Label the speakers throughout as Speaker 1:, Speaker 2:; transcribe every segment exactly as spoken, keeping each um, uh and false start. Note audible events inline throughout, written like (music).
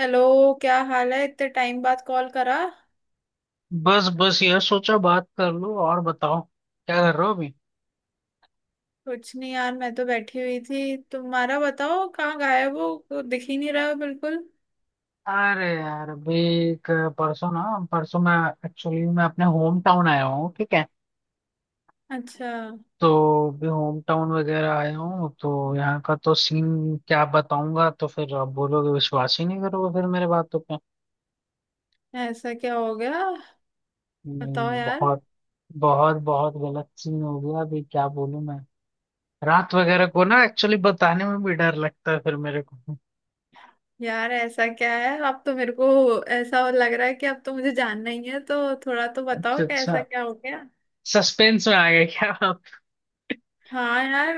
Speaker 1: Hello. क्या हाल है, इतने टाइम बाद कॉल करा।
Speaker 2: बस बस यह सोचा बात कर लो और बताओ। क्या कर रहे हो अभी?
Speaker 1: कुछ नहीं यार, मैं तो बैठी हुई थी। तुम्हारा बताओ, कहाँ गायब हो, को दिख ही नहीं रहा हो बिल्कुल।
Speaker 2: अरे यार, अभी एक परसों ना परसों मैं एक्चुअली मैं अपने होम टाउन आया हूँ, ठीक है?
Speaker 1: अच्छा,
Speaker 2: तो अभी होम टाउन वगैरह आया हूँ तो यहाँ का तो सीन क्या बताऊंगा, तो फिर आप बोलोगे विश्वास ही नहीं करोगे फिर मेरे बातों पे।
Speaker 1: ऐसा क्या हो गया? बताओ
Speaker 2: नहीं,
Speaker 1: यार।
Speaker 2: बहुत बहुत बहुत गलत सीन हो गया अभी, क्या बोलूं मैं। रात वगैरह को ना एक्चुअली बताने में भी डर लगता है फिर मेरे को। (laughs)
Speaker 1: यार ऐसा क्या है, अब तो मेरे को ऐसा लग रहा है कि अब तो मुझे जानना ही है, तो थोड़ा तो बताओ
Speaker 2: अच्छा
Speaker 1: कि
Speaker 2: अच्छा,
Speaker 1: ऐसा क्या हो गया।
Speaker 2: सस्पेंस में आ गए क्या?
Speaker 1: हाँ यार।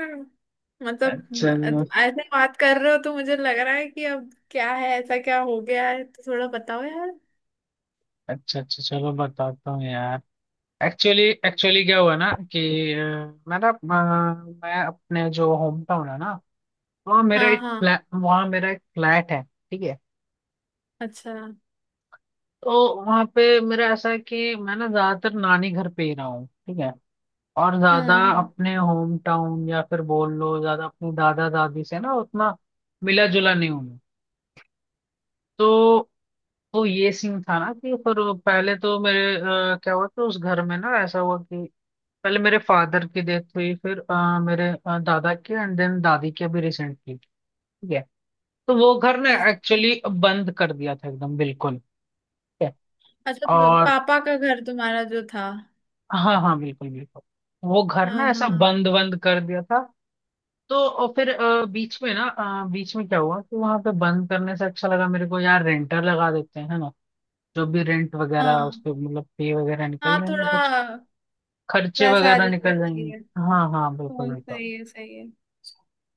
Speaker 1: मतलब
Speaker 2: अच्छा
Speaker 1: ऐसे बात कर रहे हो तो मुझे लग रहा है कि अब क्या है, ऐसा क्या हो गया है, तो थोड़ा बताओ यार।
Speaker 2: अच्छा अच्छा, चलो बताता हूँ यार। एक्चुअली एक्चुअली क्या हुआ ना कि अ, मैं ना, अ, मैं अपने जो होम टाउन है ना, वहाँ मेरा
Speaker 1: हाँ
Speaker 2: एक
Speaker 1: हाँ
Speaker 2: फ्लैट, वहाँ मेरा एक फ्लैट है ठीक है?
Speaker 1: अच्छा। हम्म
Speaker 2: तो वहाँ पे मेरा ऐसा है कि मैं ना ज्यादातर नानी घर पे ही रहा हूँ, ठीक है? और ज्यादा
Speaker 1: हम्म।
Speaker 2: अपने होम टाउन या फिर बोल लो ज्यादा अपने दादा दादी से ना उतना मिला जुला नहीं हूँ मैं। तो तो ये सीन था ना कि फिर वो पहले तो मेरे, अ, क्या हुआ कि उस घर में ना ऐसा हुआ कि पहले मेरे फादर की डेथ हुई, फिर अ, मेरे अ, दादा की, एंड देन दादी की अभी रिसेंटली। ठीक है? तो वो घर ना
Speaker 1: अच्छा।
Speaker 2: एक्चुअली बंद कर दिया था एकदम बिल्कुल। ठीक है?
Speaker 1: अच्छा, तो
Speaker 2: और
Speaker 1: पापा का घर तुम्हारा जो था।
Speaker 2: हाँ हाँ, बिल्कुल बिल्कुल, वो घर
Speaker 1: हाँ
Speaker 2: ना ऐसा
Speaker 1: हाँ
Speaker 2: बंद बंद कर दिया था। तो और फिर अ, बीच में ना, अ, बीच में क्या हुआ कि वहां पे बंद करने से अच्छा लगा मेरे को यार, रेंटर लगा देते हैं, है ना? जो भी रेंट वगैरह
Speaker 1: हाँ
Speaker 2: उसके मतलब पे वगैरह
Speaker 1: हाँ
Speaker 2: निकल जाएंगे, कुछ
Speaker 1: थोड़ा
Speaker 2: खर्चे
Speaker 1: वैसा आ
Speaker 2: वगैरह
Speaker 1: जाएगा,
Speaker 2: निकल
Speaker 1: सही
Speaker 2: जाएंगे।
Speaker 1: है।
Speaker 2: हाँ हाँ,
Speaker 1: तो
Speaker 2: बिल्कुल बिल्कुल।
Speaker 1: सही है, सही है।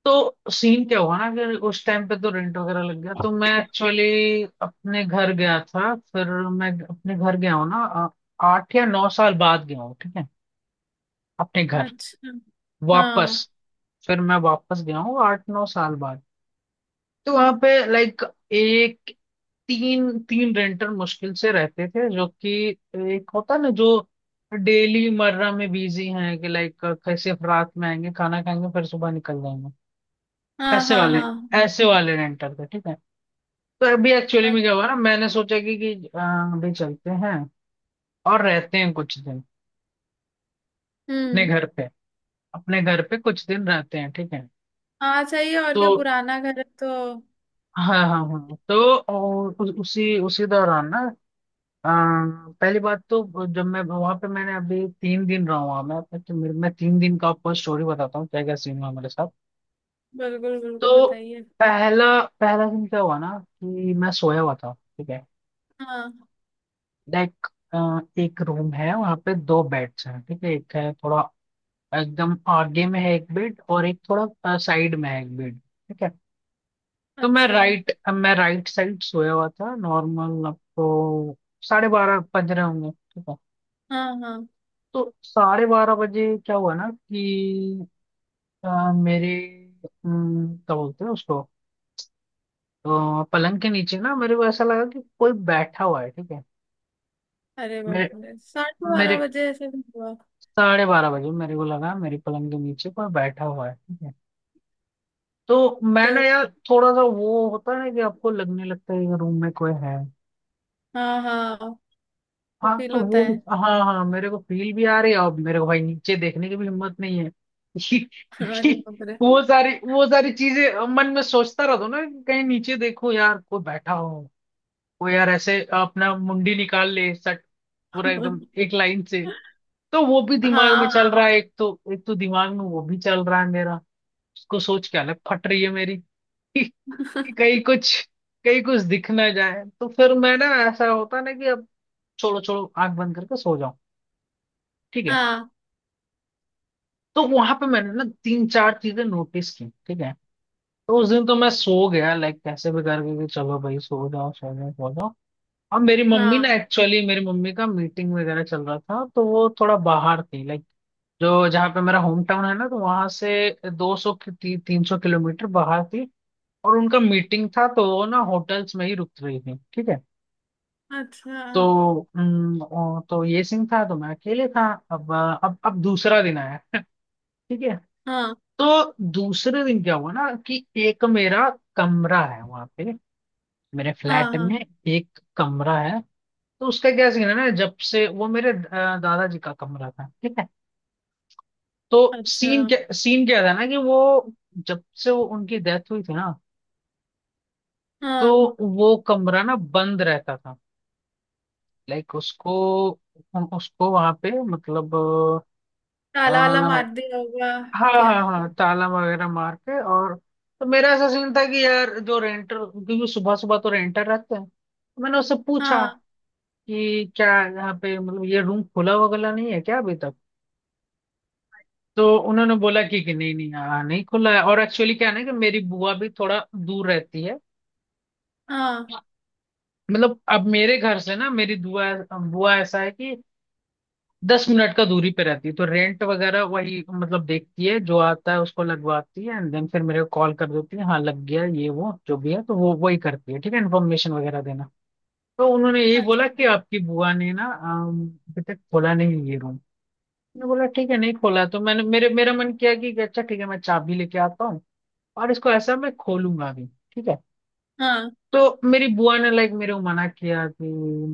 Speaker 2: तो सीन क्या हुआ ना, अगर उस टाइम पे तो रेंट वगैरह लग गया, तो मैं एक्चुअली अपने घर गया था। फिर मैं अपने घर गया हूँ ना, आ- आठ या नौ साल बाद गया हूँ, ठीक है, अपने घर
Speaker 1: अच्छा।
Speaker 2: वापस।
Speaker 1: हाँ
Speaker 2: फिर मैं वापस गया हूँ आठ नौ साल बाद। तो वहां पे लाइक, एक, तीन तीन रेंटर मुश्किल से रहते थे, जो कि एक होता ना जो डेली मर्रा में बिजी हैं, कि लाइक कैसे रात में आएंगे, खाना खाएंगे, फिर सुबह निकल जाएंगे,
Speaker 1: हाँ
Speaker 2: ऐसे
Speaker 1: हाँ
Speaker 2: वाले
Speaker 1: हाँ हाँ
Speaker 2: ऐसे वाले रेंटर थे। ठीक है? तो अभी एक्चुअली
Speaker 1: अ-
Speaker 2: में क्या हुआ ना, मैंने सोचा कि कि अ, अभी चलते हैं और रहते हैं कुछ दिन अपने
Speaker 1: हम्म।
Speaker 2: घर पे, अपने घर पे कुछ दिन रहते हैं। ठीक है?
Speaker 1: हाँ सही है, और
Speaker 2: तो
Speaker 1: क्या पुराना घर है तो।
Speaker 2: हाँ हाँ हाँ, तो और उ- उसी उसी दौरान ना, अ, पहली बात तो, जब मैं वहां पे मैंने अभी तीन दिन रहा हुआ मैं, तो मेरे मैं तीन दिन का आपको स्टोरी बताता हूँ, क्या क्या सीन हुआ मेरे साथ।
Speaker 1: बिल्कुल बिल्कुल
Speaker 2: तो
Speaker 1: बताइए।
Speaker 2: पहला पहला दिन क्या हुआ ना कि मैं सोया हुआ था। ठीक है?
Speaker 1: हाँ।
Speaker 2: लाइक अ, एक रूम है वहां पे, दो बेड्स हैं, ठीक है? एक है थोड़ा एकदम आगे में है एक बेड, और एक थोड़ा साइड में है एक बेड। ठीक है? तो मैं
Speaker 1: अच्छा।
Speaker 2: राइट मैं राइट साइड सोया हुआ था नॉर्मल। आपको साढ़े बारह बज रहे होंगे, ठीक है?
Speaker 1: हाँ हाँ।
Speaker 2: तो साढ़े बारह बजे क्या हुआ ना कि अ, मेरे अम, क्या बोलते हैं उसको, अ, पलंग के नीचे ना मेरे को ऐसा लगा कि कोई बैठा हुआ है। ठीक है?
Speaker 1: अरे
Speaker 2: मेरे
Speaker 1: बाप रे, साढ़े
Speaker 2: मेरे
Speaker 1: बारह बजे ऐसे भी हुआ?
Speaker 2: साढ़े बारह बजे मेरे को लगा मेरे पलंग के नीचे कोई बैठा हुआ है। ठीक है। तो मैं ना
Speaker 1: तो
Speaker 2: यार थोड़ा सा, वो होता है कि आपको लगने लगता है कि रूम में कोई है।
Speaker 1: हाँ हाँ, वो
Speaker 2: हाँ,
Speaker 1: फील
Speaker 2: तो
Speaker 1: होता
Speaker 2: वो,
Speaker 1: है।
Speaker 2: हाँ हाँ, मेरे को फील भी आ रही है और मेरे को भाई नीचे देखने की भी हिम्मत नहीं है (laughs)
Speaker 1: (laughs)
Speaker 2: क्योंकि
Speaker 1: अरे बाप रे।
Speaker 2: वो सारी वो सारी चीजें मन में सोचता रहता हूँ ना कि कहीं नीचे देखो यार कोई बैठा हो, कोई यार ऐसे अपना मुंडी निकाल ले सट, पूरा एकदम
Speaker 1: (laughs)
Speaker 2: एक लाइन से। तो वो भी दिमाग में
Speaker 1: हाँ
Speaker 2: चल रहा
Speaker 1: हाँ
Speaker 2: है, एक तो एक तो दिमाग में वो भी चल रहा है मेरा, उसको सोच के अलग फट रही है मेरी कि कहीं कुछ, कहीं कुछ दिख ना जाए। तो फिर मैं ना, ऐसा होता ना कि अब छोड़ो छोड़ो, आंख बंद करके सो जाओ। ठीक है?
Speaker 1: हाँ
Speaker 2: तो वहां पे मैंने ना तीन चार चीजें नोटिस की, ठीक है? तो उस दिन तो मैं सो गया लाइक, कैसे भी करके कि चलो भाई सो जाओ सो जाओ सो जाओ। और मेरी मम्मी
Speaker 1: हाँ
Speaker 2: ना, एक्चुअली मेरी मम्मी का मीटिंग वगैरह चल रहा था तो वो थोड़ा बाहर थी, लाइक जो जहाँ पे मेरा होम टाउन है ना, तो वहां से दो सौ की ती, तीन सौ किलोमीटर बाहर थी, और उनका मीटिंग था तो वो ना होटल्स में ही रुक रही थी। ठीक है?
Speaker 1: अच्छा।
Speaker 2: तो हम्म, ओ, तो ये सीन था, तो मैं अकेले था। अब अ, अब अब दूसरा दिन आया। (laughs) ठीक है?
Speaker 1: हाँ
Speaker 2: तो दूसरे दिन क्या हुआ ना कि एक मेरा कमरा है वहां पे, मेरे
Speaker 1: हाँ
Speaker 2: फ्लैट
Speaker 1: हाँ
Speaker 2: में एक कमरा है। तो उसका क्या सीन है ना, जब से वो मेरे अ, दादाजी का कमरा था, ठीक है? तो सीन
Speaker 1: अच्छा।
Speaker 2: क्या सीन क्या था ना कि वो, जब से वो उनकी डेथ हुई थी ना, तो
Speaker 1: हाँ,
Speaker 2: वो कमरा ना बंद रहता था। लाइक उसको उसको वहां पे मतलब,
Speaker 1: ताला वाला मार दिया होगा
Speaker 2: हाँ
Speaker 1: क्या?
Speaker 2: हाँ हाँ, ताला वगैरह मार के। और तो मेरा ऐसा सीन था कि यार जो रेंटर, क्योंकि सुबह सुबह तो रेंटर रहते हैं, तो मैंने उससे पूछा
Speaker 1: हाँ
Speaker 2: कि क्या यहाँ पे मतलब ये रूम खुला वगैरह नहीं है क्या अभी तक? तो उन्होंने बोला कि, कि नहीं नहीं, हाँ नहीं खुला है, और एक्चुअली क्या है ना, कि मेरी बुआ भी थोड़ा दूर रहती है।
Speaker 1: हाँ
Speaker 2: मतलब अब मेरे घर से ना, मेरी बुआ, बुआ ऐसा है कि दस मिनट का दूरी पे रहती है, तो रेंट वगैरह वही मतलब देखती है, जो आता है उसको लगवाती है, एंड देन फिर मेरे को कॉल कर देती है, हाँ लग गया ये वो जो भी है, तो वो वही करती है, ठीक है, इन्फॉर्मेशन वगैरह देना। तो उन्होंने यही
Speaker 1: अच्छा।
Speaker 2: बोला कि आपकी बुआ ने ना अम, अभी तक खोला नहीं ये रूम। मैंने बोला ठीक है, नहीं खोला है। तो मैंने, मेरे मेरा मन किया कि अच्छा ठीक है, मैं चाबी लेके आता हूँ और इसको ऐसा मैं खोलूंगा भी। ठीक है?
Speaker 1: हाँ।
Speaker 2: तो मेरी बुआ ने लाइक मेरे को मना किया कि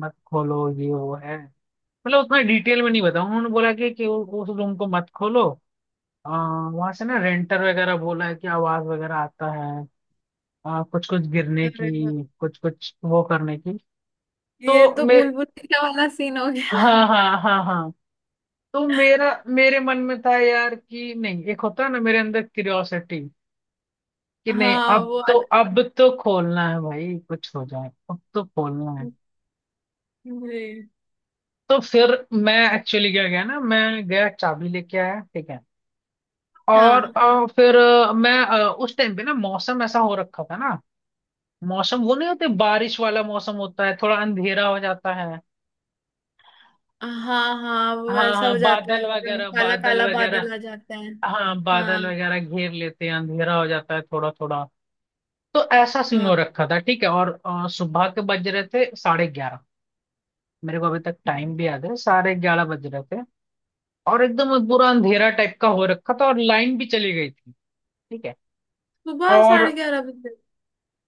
Speaker 2: मत खोलो ये वो है, मतलब उतना डिटेल में नहीं बताऊँ। उन्होंने बोला कि, कि उ- उस रूम को मत खोलो। आ, वहां से ना रेंटर वगैरह बोला है कि आवाज वगैरह आता है, आ, कुछ कुछ गिरने
Speaker 1: अरे वाह,
Speaker 2: की, कुछ कुछ वो करने की।
Speaker 1: ये
Speaker 2: तो
Speaker 1: तो
Speaker 2: मे
Speaker 1: भूल भुलैया वाला सीन हो गया।
Speaker 2: हाँ हाँ हाँ हाँ, तो मेरा मेरे मन में था यार कि नहीं, एक होता है ना मेरे अंदर क्यूरियोसिटी, कि नहीं
Speaker 1: हाँ
Speaker 2: अब
Speaker 1: वो
Speaker 2: तो,
Speaker 1: आद-
Speaker 2: अब तो खोलना है भाई, कुछ हो जाए अब तो खोलना है।
Speaker 1: जी।
Speaker 2: तो फिर मैं एक्चुअली क्या गया ना, मैं गया चाबी लेके आया, ठीक है? और
Speaker 1: हाँ
Speaker 2: अ, फिर अ, मैं अ, उस टाइम पे ना मौसम ऐसा हो रखा था ना, मौसम वो नहीं होते बारिश वाला मौसम, होता है थोड़ा अंधेरा हो जाता है।
Speaker 1: हाँ हाँ वो
Speaker 2: हाँ
Speaker 1: ऐसा हो
Speaker 2: हाँ,
Speaker 1: जाता है,
Speaker 2: बादल
Speaker 1: एकदम
Speaker 2: वगैरह
Speaker 1: काला
Speaker 2: बादल
Speaker 1: काला
Speaker 2: वगैरह,
Speaker 1: बादल आ जाता है।
Speaker 2: हाँ बादल
Speaker 1: हाँ।
Speaker 2: वगैरह घेर लेते हैं, अंधेरा हो जाता है थोड़ा थोड़ा। तो ऐसा सीन हो
Speaker 1: हाँ।
Speaker 2: रखा था, ठीक है? और अ, सुबह के बज रहे थे साढ़े ग्यारह, मेरे को अभी तक
Speaker 1: हाँ।
Speaker 2: टाइम भी याद है, साढ़े ग्यारह बज रहे थे, और एकदम पूरा अंधेरा टाइप का हो रखा था, और लाइन भी चली गई थी। ठीक है?
Speaker 1: सुबह
Speaker 2: और
Speaker 1: साढ़े ग्यारह बजे?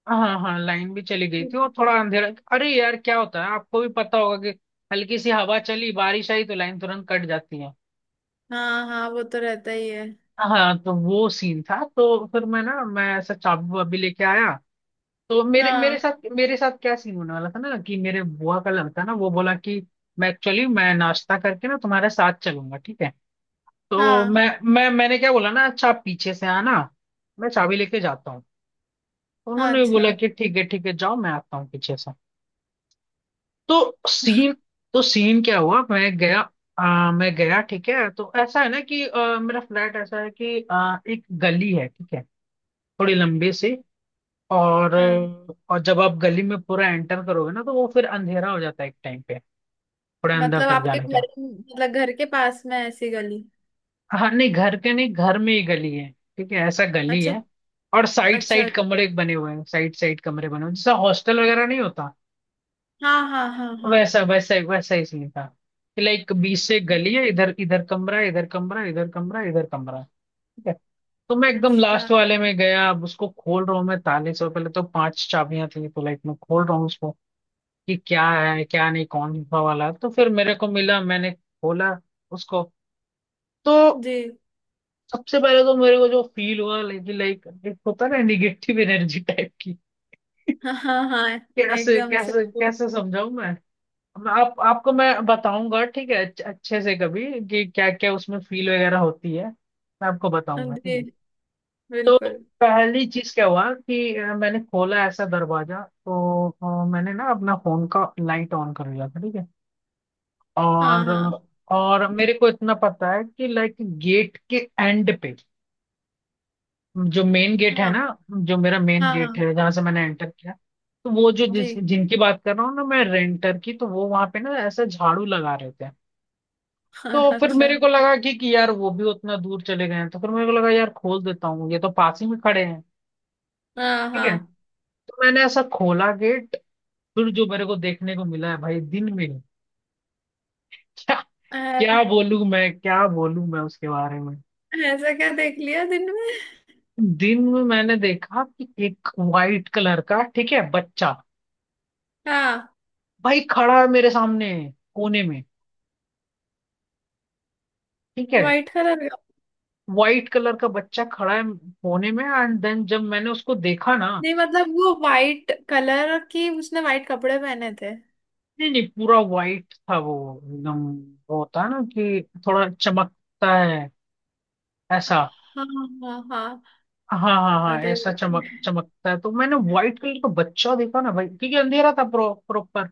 Speaker 2: हाँ हाँ, लाइन भी चली गई थी, और थोड़ा अंधेरा। अरे यार क्या होता है आपको भी पता होगा कि हल्की सी हवा चली बारिश आई तो लाइन तुरंत कट जाती है।
Speaker 1: हाँ हाँ वो तो रहता ही है।
Speaker 2: हाँ, तो वो सीन था। तो फिर मैं ना मैं ऐसा चाबू वाबू लेके आया। तो मेरे मेरे
Speaker 1: हाँ
Speaker 2: साथ मेरे साथ क्या सीन होने वाला था ना, कि मेरे बुआ का लड़का ना, वो बोला कि मैं एक्चुअली मैं नाश्ता करके ना तुम्हारे साथ चलूंगा, ठीक है? तो
Speaker 1: हाँ
Speaker 2: मैं मैं मैंने क्या बोला ना, अच्छा आप पीछे से आना, मैं चाबी लेके जाता हूँ। तो
Speaker 1: हाँ
Speaker 2: उन्होंने भी बोला
Speaker 1: अच्छा।
Speaker 2: कि ठीक है ठीक है, जाओ, मैं आता हूँ पीछे से। तो सीन तो सीन क्या हुआ, मैं गया, अ, मैं गया, ठीक है? तो ऐसा है ना कि अ, मेरा फ्लैट ऐसा है कि अ, एक गली है ठीक है, थोड़ी लंबी सी। और अ, और जब आप गली में पूरा एंटर करोगे ना, तो वो फिर अंधेरा हो जाता है एक टाइम पे, थोड़ा अंदर
Speaker 1: मतलब
Speaker 2: तक
Speaker 1: आपके
Speaker 2: जाने का।
Speaker 1: घर, मतलब घर के पास में ऐसी गली?
Speaker 2: हाँ नहीं घर के नहीं, घर में ही गली है, ठीक है, ऐसा गली
Speaker 1: अच्छा।
Speaker 2: है। और साइड
Speaker 1: अच्छा।
Speaker 2: साइड कमरे बने हुए हैं साइड साइड कमरे बने हुए हैं, जैसा हॉस्टल वगैरह नहीं होता,
Speaker 1: हाँ हाँ हाँ हाँ।
Speaker 2: वैसा वैसा वैसा ही सीन था, कि लाइक बीच से एक गली है, इधर इधर कमरा है, इधर कमरा है, इधर कमरा है, इधर कमरा है। ठीक है? तो मैं एकदम
Speaker 1: अच्छा।
Speaker 2: लास्ट वाले में गया, अब उसको खोल रहा हूँ मैं ताले से, और पहले तो पांच चाबियां थी तो लाइक मैं खोल रहा हूँ उसको कि क्या है क्या नहीं कौन सा वाला है। तो फिर मेरे को मिला, मैंने खोला उसको। तो
Speaker 1: जी।
Speaker 2: सबसे पहले तो मेरे को जो फील हुआ, लाइक लाइक होता है ना, निगेटिव एनर्जी टाइप की।
Speaker 1: हाँ हाँ हाँ।
Speaker 2: कैसे
Speaker 1: एकदम से।
Speaker 2: कैसे कैसे समझाऊं। मैं आप आपको मैं बताऊंगा, ठीक है, अच्छे अच्छे से कभी, कि क्या क्या उसमें फील वगैरह होती है। मैं आपको बताऊंगा, ठीक
Speaker 1: जी।
Speaker 2: है। तो
Speaker 1: बिल्कुल।
Speaker 2: पहली चीज क्या हुआ कि अ, मैंने खोला ऐसा दरवाजा, तो अ, मैंने ना अपना फोन का लाइट ऑन कर लिया था, ठीक है।
Speaker 1: हाँ
Speaker 2: और
Speaker 1: हाँ
Speaker 2: और मेरे को इतना पता है कि लाइक गेट के एंड पे, जो मेन गेट है ना,
Speaker 1: हाँ
Speaker 2: जो मेरा मेन
Speaker 1: हाँ
Speaker 2: गेट
Speaker 1: हाँ
Speaker 2: है जहां से मैंने एंटर किया, तो वो जो
Speaker 1: जी।
Speaker 2: जिस जिनकी बात कर रहा हूँ ना मैं, रेंटर की, तो वो वहां पे ना ऐसा झाड़ू लगा रहे थे।
Speaker 1: (laughs)
Speaker 2: तो
Speaker 1: हाँ,
Speaker 2: फिर मेरे
Speaker 1: अच्छा।
Speaker 2: को लगा कि, कि यार वो भी उतना दूर चले गए हैं, तो फिर मेरे को लगा यार खोल देता हूँ, ये तो पास ही में खड़े हैं,
Speaker 1: हाँ
Speaker 2: ठीक
Speaker 1: हाँ।
Speaker 2: है। तो मैंने ऐसा खोला गेट। फिर जो मेरे को देखने को मिला है भाई दिन में, क्या
Speaker 1: अरे,
Speaker 2: क्या बोलूं मैं, क्या बोलूं मैं उसके बारे में।
Speaker 1: ऐसा क्या देख लिया दिन में?
Speaker 2: दिन में मैंने देखा कि एक वाइट कलर का, ठीक है, बच्चा,
Speaker 1: हाँ।
Speaker 2: भाई, खड़ा है मेरे सामने, कोने में, ठीक है।
Speaker 1: व्हाइट कलर का?
Speaker 2: वाइट कलर का बच्चा खड़ा है कोने में, एंड देन जब मैंने उसको देखा ना।
Speaker 1: नहीं, मतलब वो व्हाइट कलर की, उसने व्हाइट कपड़े पहने थे?
Speaker 2: नहीं नहीं, पूरा वाइट था वो, एकदम। वो होता है ना कि थोड़ा चमकता है, ऐसा।
Speaker 1: हाँ हाँ हाँ।
Speaker 2: हाँ हाँ हाँ,
Speaker 1: अरे
Speaker 2: ऐसा
Speaker 1: बाप
Speaker 2: चमक
Speaker 1: रे।
Speaker 2: चमकता है। तो मैंने व्हाइट कलर का बच्चा देखा ना भाई, क्योंकि अंधेरा था प्रो प्रॉपर।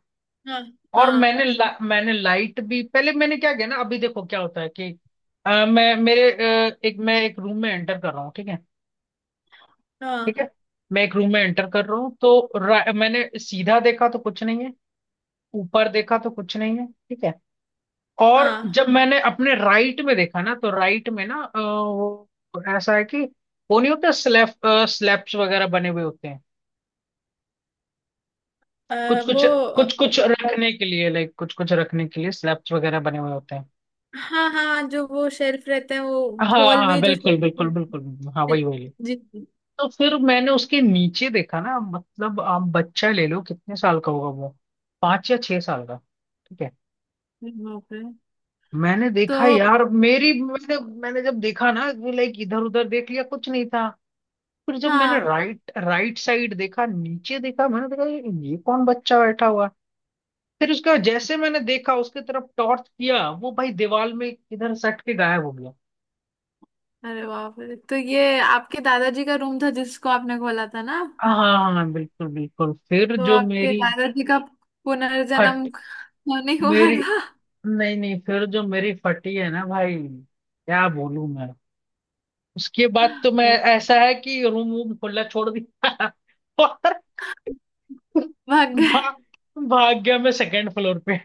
Speaker 1: हाँ
Speaker 2: और
Speaker 1: हाँ
Speaker 2: मैंने ला, मैंने लाइट भी, पहले मैंने क्या किया ना, अभी देखो क्या होता है कि अ, मैं मेरे अ, एक, मैं एक रूम में एंटर कर रहा हूँ, ठीक है,
Speaker 1: हाँ
Speaker 2: ठीक है। मैं एक रूम में एंटर कर रहा हूँ, तो रा- मैंने सीधा देखा तो कुछ नहीं है, ऊपर देखा तो कुछ नहीं है, ठीक है। और
Speaker 1: हाँ
Speaker 2: जब मैंने अपने राइट में देखा ना, तो राइट में ना अ, वो ऐसा है कि, वो नहीं होता स्लैब, स्लैब्स वगैरह बने हुए होते हैं,
Speaker 1: अ,
Speaker 2: कुछ कुछ, कुछ
Speaker 1: वो।
Speaker 2: कुछ रखने के लिए, लाइक कुछ कुछ रखने के लिए स्लैब्स वगैरह बने हुए होते हैं।
Speaker 1: हाँ हाँ, जो वो शेल्फ रहते हैं वो,
Speaker 2: हाँ
Speaker 1: वॉल में
Speaker 2: हाँ,
Speaker 1: ही जो
Speaker 2: बिल्कुल
Speaker 1: शेल्फ
Speaker 2: बिल्कुल बिल्कुल बिल्कुल, हाँ
Speaker 1: रहते हैं।
Speaker 2: वही वही।
Speaker 1: जी जी।
Speaker 2: तो फिर मैंने उसके नीचे देखा ना, मतलब आप बच्चा ले लो, कितने साल का होगा वो, पांच या छह साल का, ठीक है।
Speaker 1: जी, बाप रे।
Speaker 2: मैंने देखा
Speaker 1: तो
Speaker 2: यार, मेरी मैंने मैंने जब देखा ना, लाइक इधर उधर देख लिया, कुछ नहीं था। फिर जब मैंने
Speaker 1: हाँ।
Speaker 2: राइट राइट साइड देखा, नीचे देखा, मैंने देखा ये ये कौन बच्चा बैठा हुआ है? फिर उसका, जैसे मैंने देखा, उसके तरफ टॉर्च किया, वो भाई दीवार में इधर सट के गायब हो गया।
Speaker 1: अरे बाप रे, तो ये आपके दादाजी का रूम था जिसको आपने खोला था ना?
Speaker 2: हाँ हाँ हाँ, हाँ, बिल्कुल बिल्कुल। फिर
Speaker 1: तो
Speaker 2: जो
Speaker 1: आपके
Speaker 2: मेरी
Speaker 1: दादाजी का
Speaker 2: फट
Speaker 1: पुनर्जन्म नहीं हुआ
Speaker 2: मेरी,
Speaker 1: था?
Speaker 2: नहीं नहीं, फिर जो मेरी फटी है ना भाई, क्या बोलूं मैं। उसके बाद तो मैं, ऐसा है कि रूम वूम खुला छोड़ दिया (laughs) और
Speaker 1: भाग गए?
Speaker 2: भा, भाग गया मैं सेकंड फ्लोर पे।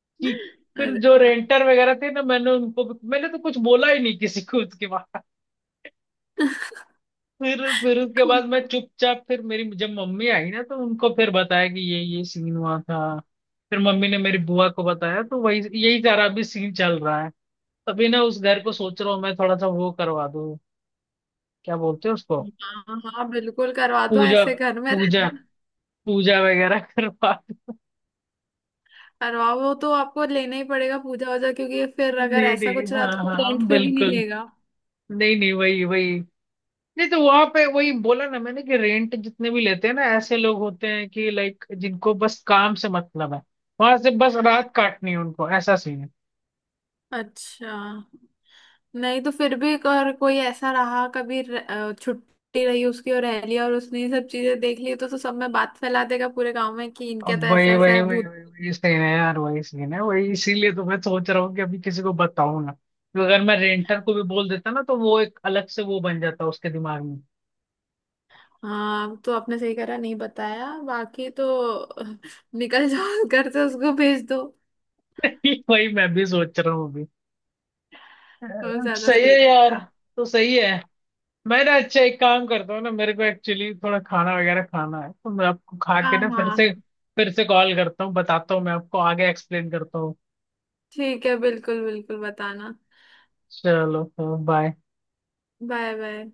Speaker 2: कि फिर
Speaker 1: अरे
Speaker 2: जो
Speaker 1: वाह।
Speaker 2: रेंटर वगैरह थे ना, मैंने उनको, मैंने तो कुछ बोला ही नहीं किसी को उसके बाद।
Speaker 1: (laughs)
Speaker 2: फिर फिर उसके बाद
Speaker 1: खुल-
Speaker 2: मैं चुपचाप, फिर मेरी जब मम्मी आई ना तो उनको फिर बताया कि ये ये सीन हुआ था। फिर मम्मी ने मेरी बुआ को बताया, तो वही यही सारा अभी सीन चल रहा है। तभी ना उस घर को सोच रहा हूँ मैं, थोड़ा सा वो करवा दूँ, क्या बोलते हैं उसको,
Speaker 1: हाँ हाँ, बिल्कुल करवा दो
Speaker 2: पूजा,
Speaker 1: ऐसे घर में।
Speaker 2: पूजा, पूजा वगैरह (laughs) करवा दूं।
Speaker 1: करवाओ, वो तो आपको लेना ही पड़ेगा पूजा वूजा, क्योंकि फिर अगर
Speaker 2: नहीं
Speaker 1: ऐसा
Speaker 2: नहीं,
Speaker 1: कुछ रहा
Speaker 2: हाँ
Speaker 1: तो कोई
Speaker 2: हाँ,
Speaker 1: रेंट पे भी नहीं
Speaker 2: बिल्कुल।
Speaker 1: लेगा।
Speaker 2: नहीं नहीं, वही वही। नहीं तो वहां पे वही बोला ना मैंने, कि रेंट जितने भी लेते हैं ना, ऐसे लोग होते हैं कि लाइक जिनको बस काम से मतलब है, वहां से बस रात काटनी है उनको, ऐसा सीन है।
Speaker 1: अच्छा। नहीं, तो फिर भी अगर कोई ऐसा रहा, कभी र- अ, छुट्टी रही उसकी और रह लिया, और उसने ये सब चीजें देख ली तो, तो सब में बात फैला देगा पूरे गांव में कि इनके तो
Speaker 2: अब वही
Speaker 1: ऐसा ऐसा
Speaker 2: वही
Speaker 1: है
Speaker 2: वही
Speaker 1: भूत।
Speaker 2: वही वही सीन है यार, वही सीन है वही, इसीलिए तो मैं सोच रहा हूँ कि अभी किसी को बताऊं ना, तो अगर मैं रेंटर को भी बोल देता ना, तो वो एक अलग से वो बन जाता उसके दिमाग में।
Speaker 1: हाँ तो आपने सही करा नहीं बताया, बाकी तो (laughs) अ, निकल जाओ घर से, उसको भेज दो
Speaker 2: (laughs) वही मैं भी सोच रहा हूँ अभी। अ,
Speaker 1: तो ज्यादा
Speaker 2: सही
Speaker 1: सही
Speaker 2: है यार,
Speaker 1: रहेगा।
Speaker 2: तो सही है। मैं ना अच्छा एक काम करता हूँ ना, मेरे को एक्चुअली थोड़ा खाना वगैरह खाना है, तो मैं आपको खा के
Speaker 1: हाँ
Speaker 2: ना फिर
Speaker 1: हाँ
Speaker 2: से फिर से कॉल करता हूँ, बताता हूँ, मैं आपको आगे एक्सप्लेन करता हूँ।
Speaker 1: ठीक है, बिल्कुल बिल्कुल बताना।
Speaker 2: चलो, बाय।
Speaker 1: Bye bye.